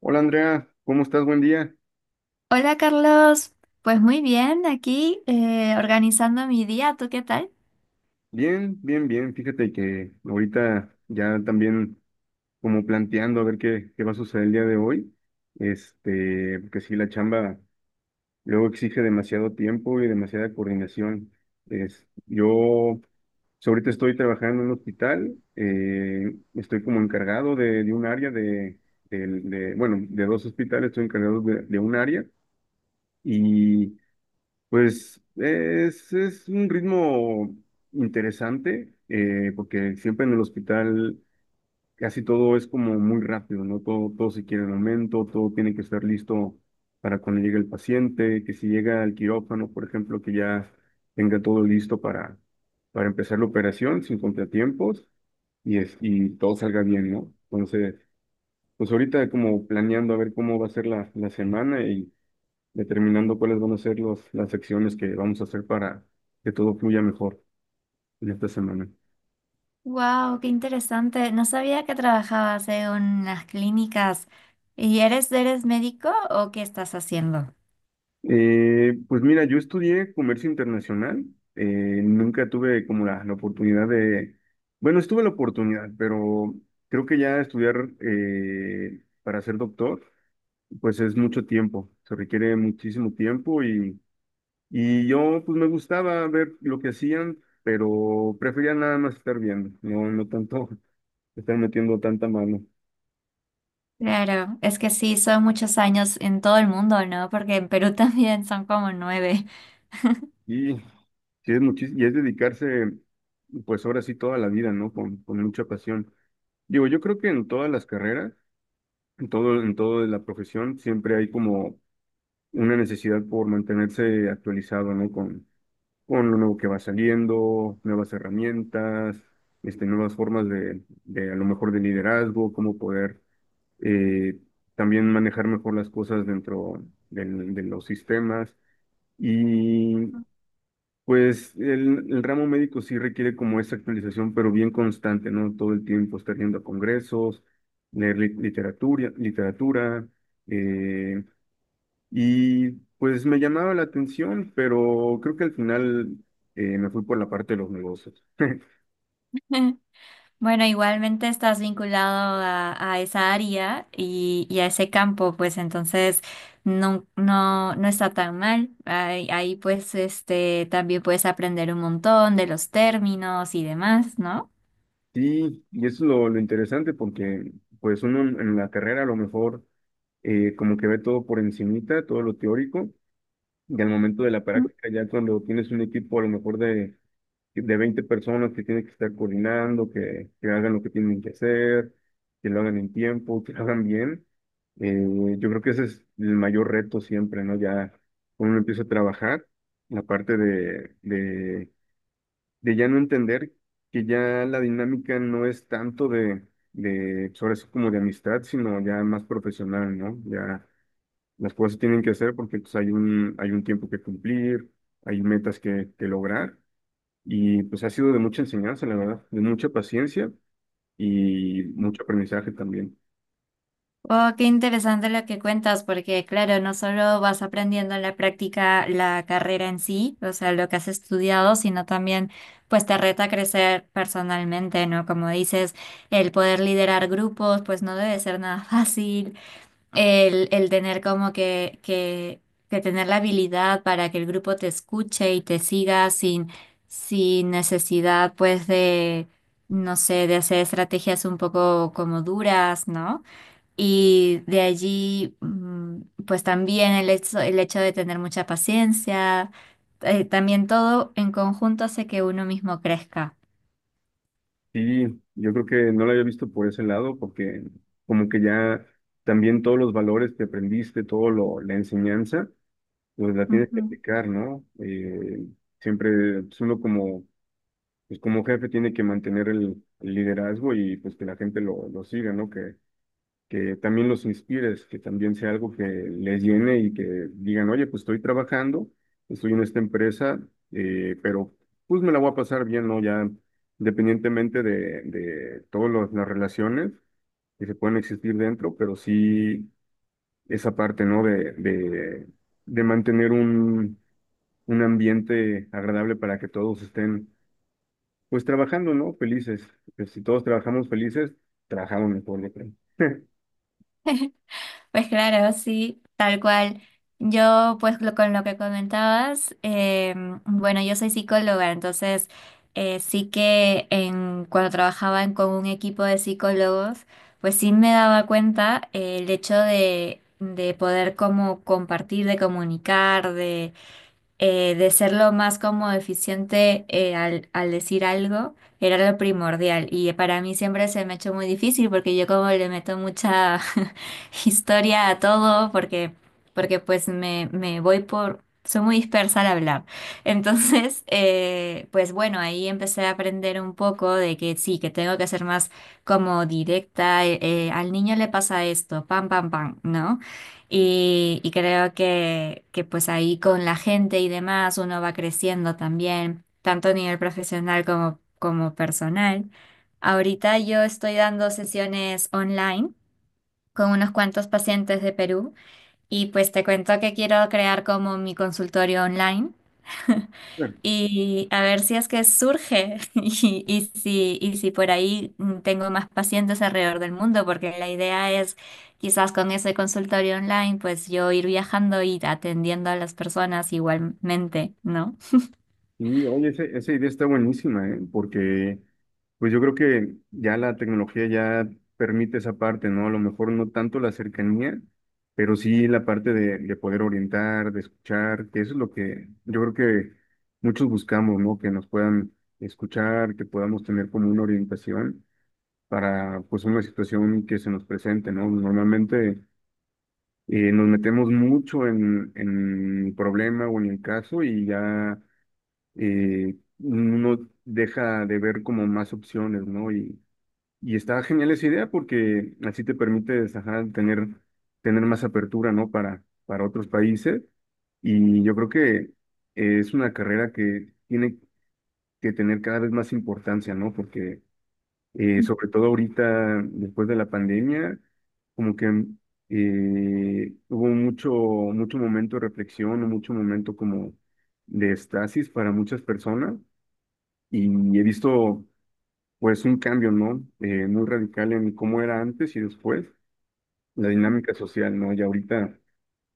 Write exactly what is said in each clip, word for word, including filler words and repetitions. Hola Andrea, ¿cómo estás? Buen día. Hola Carlos, pues muy bien, aquí eh, organizando mi día, ¿tú qué tal? Bien, bien, bien. Fíjate que ahorita ya también como planteando a ver qué, qué va a suceder el día de hoy. Este, porque sí, la chamba luego exige demasiado tiempo y demasiada coordinación. Es, yo pues, ahorita estoy trabajando en un hospital, eh, estoy como encargado de, de un área de, del- de- bueno, de dos hospitales, estoy encargado de de un área. Y Pues es, es un ritmo interesante, eh, porque siempre en el hospital casi todo es como muy rápido, ¿no? Todo, todo se quiere en el momento, todo tiene que estar listo para cuando llegue el paciente, que si llega al quirófano, por ejemplo, que ya tenga todo listo para, para empezar la operación sin contratiempos y, es, y todo salga bien, ¿no? Entonces, pues ahorita como planeando a ver cómo va a ser la, la semana y determinando cuáles van a ser los, las acciones que vamos a hacer para que todo fluya mejor en esta semana. Wow, qué interesante. No sabía que trabajabas en unas clínicas. ¿Y eres, eres médico o qué estás haciendo? Eh, pues mira, yo estudié comercio internacional, eh, nunca tuve como la, la oportunidad de, bueno, estuve la oportunidad, pero creo que ya estudiar eh, para ser doctor, pues es mucho tiempo, se requiere muchísimo tiempo y, y yo pues me gustaba ver lo que hacían, pero prefería nada más estar viendo, no, no tanto estar metiendo tanta mano. Claro, es que sí, son muchos años en todo el mundo, ¿no? Porque en Perú también son como nueve. Y sí es muchis- y es dedicarse, pues ahora sí toda la vida, ¿no? Con, con mucha pasión. Digo, yo creo que en todas las carreras, en todo, en todo de la profesión, siempre hay como una necesidad por mantenerse actualizado, ¿no? Con, con lo nuevo que va saliendo, nuevas herramientas, este, nuevas formas de, de a lo mejor de liderazgo, cómo poder eh, también manejar mejor las cosas dentro del- de los sistemas. Y Pues el, el ramo médico sí requiere como esa actualización, pero bien constante, ¿no? Todo el tiempo estar yendo a congresos, leer li- literatura, literatura, eh, y pues me llamaba la atención, pero creo que al final eh, me fui por la parte de los negocios. Bueno, igualmente estás vinculado a, a esa área y, y a ese campo, pues entonces no, no, no está tan mal. Ahí, ahí, pues este también puedes aprender un montón de los términos y demás, ¿no? Sí, y eso es lo, lo interesante porque pues uno en, en la carrera a lo mejor eh, como que ve todo por encimita, todo lo teórico, y al momento de la práctica, ya cuando tienes un equipo a lo mejor de de veinte personas que tienen que estar coordinando, que, que hagan lo que tienen que hacer, que lo hagan en tiempo, que lo hagan bien. Eh, yo creo que ese es el mayor reto siempre, ¿no? Ya cuando uno empieza a trabajar, la parte de, de, de ya no entender que ya la dinámica no es tanto de, de, sobre eso como de amistad, sino ya más profesional, ¿no? Ya las cosas se tienen que hacer porque pues, hay un, hay un tiempo que cumplir, hay metas que, que lograr. Y pues ha sido de mucha enseñanza, la verdad, de mucha paciencia y mucho aprendizaje también. Oh, qué interesante lo que cuentas, porque claro, no solo vas aprendiendo en la práctica la carrera en sí, o sea, lo que has estudiado, sino también pues te reta a crecer personalmente, ¿no? Como dices, el poder liderar grupos, pues no debe ser nada fácil. El, el tener como que, que, que tener la habilidad para que el grupo te escuche y te siga sin, sin necesidad, pues, de, no sé, de hacer estrategias un poco como duras, ¿no? Y de allí, mm, pues también el hecho, el hecho de tener mucha paciencia, eh, también todo en conjunto hace que uno mismo crezca. Sí, yo creo que no lo había visto por ese lado, porque como que ya también todos los valores que aprendiste, todo lo, la enseñanza, pues la tienes que Ujú. aplicar, ¿no? Eh, siempre pues, uno como, pues como jefe tiene que mantener el, el liderazgo y pues que la gente lo, lo siga, ¿no? Que que también los inspires, que también sea algo que les llene y que digan, oye, pues estoy trabajando, estoy en esta empresa, eh, pero pues me la voy a pasar bien, ¿no? Ya independientemente de, de todas las relaciones que se pueden existir dentro, pero sí esa parte, ¿no? De, de, de mantener un, un ambiente agradable para que todos estén, pues trabajando, ¿no? Felices. Pues si todos trabajamos felices, trabajamos mejor, yo creo. Pues claro, sí, tal cual. Yo, pues lo- con lo que comentabas, eh, bueno, yo soy psicóloga, entonces eh, sí que en, cuando trabajaba en- con un equipo de psicólogos, pues sí me daba cuenta eh, el hecho de, de poder como compartir, de comunicar, eh, de ser lo más como eficiente eh, al, al decir algo, era lo primordial. Y para mí siempre se me ha hecho muy difícil porque yo como le meto mucha historia a todo, porque, porque pues me, me voy por... Soy muy dispersa al hablar. Entonces, eh, pues bueno, ahí empecé a aprender un poco de que sí, que tengo que ser más como directa. Eh, eh, al niño le pasa esto, pam, pam, pam, ¿no? Y, y creo que, que pues ahí con la gente y demás uno va creciendo también, tanto a nivel profesional como, como personal. Ahorita yo estoy dando sesiones online con unos cuantos pacientes de Perú y pues te cuento que quiero crear como mi consultorio online Bueno, y a ver si es que surge y, y si, y si por ahí mm, tengo más pacientes alrededor del mundo, porque la idea es quizás con ese consultorio online, pues yo ir viajando y atendiendo a las personas igualmente, ¿no? y oye, ese- esa idea está buenísima, ¿eh? Porque pues yo creo que ya la tecnología ya permite esa parte, ¿no? A lo mejor no tanto la cercanía, pero sí la parte de, de poder orientar, de escuchar, que eso es lo que yo creo que muchos buscamos, ¿no? Que nos puedan escuchar, que podamos tener como una orientación para pues una situación que se nos presente, ¿no? Normalmente eh, nos metemos mucho en, en el problema o en el caso y ya eh, uno deja de ver como más opciones, ¿no? Y, y está genial esa idea porque así te permite tener, tener más apertura, ¿no? Para, para otros países. Y yo creo que eh, es una carrera que tiene que tener cada vez más importancia, ¿no? Porque eh, sobre todo ahorita, después de la pandemia, como que eh, hubo mucho, mucho momento de reflexión, mucho momento como de estasis para muchas personas y he visto pues un cambio, ¿no? Eh, muy radical en cómo era antes y después, la dinámica social, ¿no? Y ahorita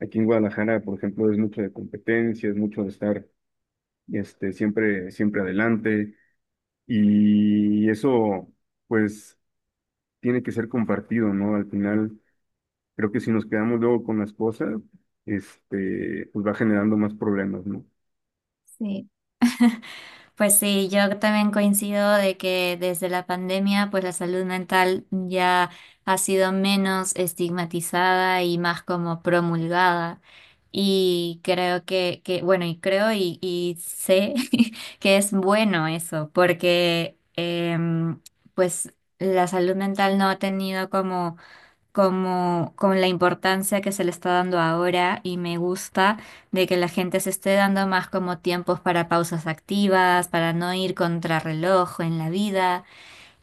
aquí en Guadalajara, por ejemplo, es mucho de competencia, es mucho de estar este, siempre, siempre adelante y eso pues tiene que ser compartido, ¿no? Al final, creo que si nos quedamos luego con las cosas, este, pues va generando más problemas, ¿no? Sí. Pues sí, yo también coincido de que desde la pandemia, pues la salud mental ya ha sido menos estigmatizada y más como promulgada. Y creo que, que bueno, y creo y, y sé que es bueno eso, porque em, pues la salud mental no ha tenido como como con la importancia que se le está dando ahora y me gusta de que la gente se esté dando más como tiempos para pausas activas, para no ir contrarreloj en la vida.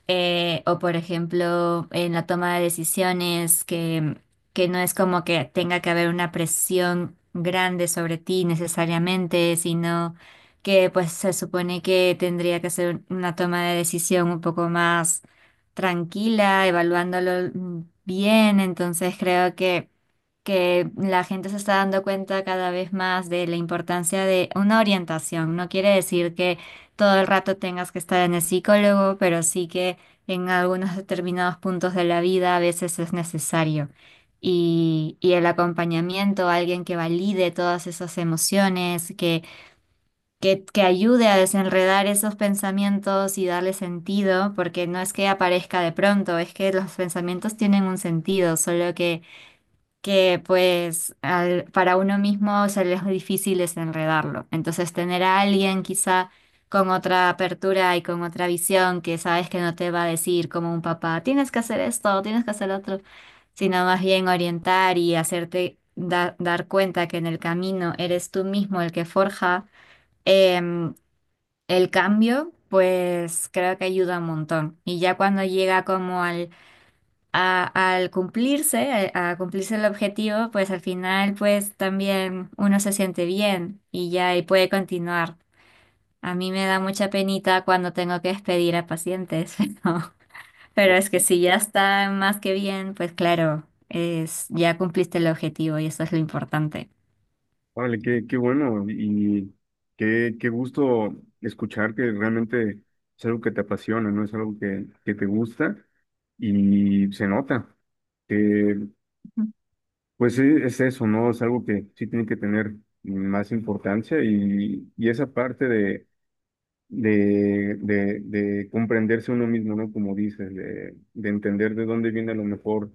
Eh, o por ejemplo, en la toma de decisiones, que, que no es como que tenga que haber una presión grande sobre ti necesariamente, sino que pues se supone que tendría que ser una toma de decisión un poco más tranquila, evaluándolo mm, bien. Entonces creo que que la gente se está dando cuenta cada vez más de la importancia de una orientación. No quiere decir que todo el rato tengas que estar en el psicólogo, pero sí que en algunos determinados puntos de la vida a veces es necesario. Y, y el acompañamiento, alguien que valide todas esas emociones, que, que, que ayude a desenredar esos pensamientos y darle sentido, porque no es que aparezca de pronto, es que los pensamientos tienen un sentido, solo que que pues al- para uno mismo se le es difícil desenredarlo. Entonces tener a alguien quizá con otra apertura y con otra visión que sabes que no te va a decir como un papá, tienes que hacer esto, tienes que hacer lo otro, sino más bien orientar y hacerte da- dar cuenta que en el camino eres tú mismo el que forja em, el cambio, pues creo que ayuda un montón. Y ya cuando llega como al a- al cumplirse, a, a cumplirse el objetivo, pues al final pues también uno se siente bien y ya y puede continuar. A mí me da mucha penita cuando tengo que despedir a pacientes, pero, pero es que si ya está más que bien, pues claro, es, ya cumpliste el objetivo y eso es lo importante. Órale, qué, qué bueno y qué, qué gusto escuchar que realmente es algo que te apasiona, ¿no? Es algo que, que te gusta y se nota que, Ujú, pues e- es eso, ¿no? Es algo que sí tiene que tener más importancia y, y esa parte de, de, de comprenderse uno mismo, ¿no? Como dices, de, de entender de dónde viene a lo mejor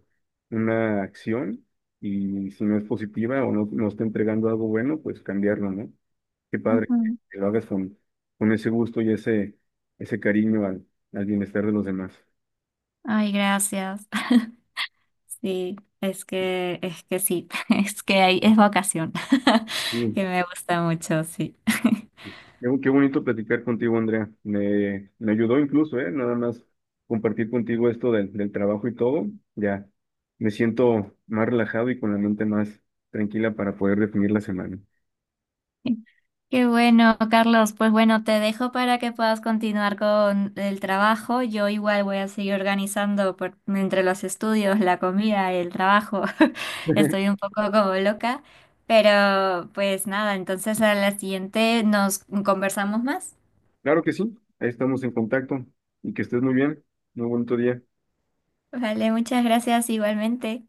una acción y si no es positiva o no, no está entregando algo bueno, pues cambiarlo, ¿no? Qué padre ujú. que lo hagas con, con ese gusto y ese, ese cariño al, al bienestar de los demás. Ay, gracias. Sí, es que, es que sí, es que hay, es vocación, Sí, que me gusta mucho, sí. qué, qué bonito platicar contigo, Andrea. Me, me ayudó incluso, ¿eh? Nada más compartir contigo esto del, del trabajo y todo. Ya me siento más relajado y con la mente más tranquila para poder definir la semana. Qué bueno, Carlos. Pues bueno, te dejo para que puedas continuar con el trabajo. Yo igual voy a seguir organizando por- entre los estudios, la comida, el trabajo. Estoy un poco como loca, pero pues nada, entonces a la siguiente nos conversamos más. Claro que sí, ahí estamos en contacto y que estés muy bien. Muy bonito día. Vale, muchas gracias igualmente.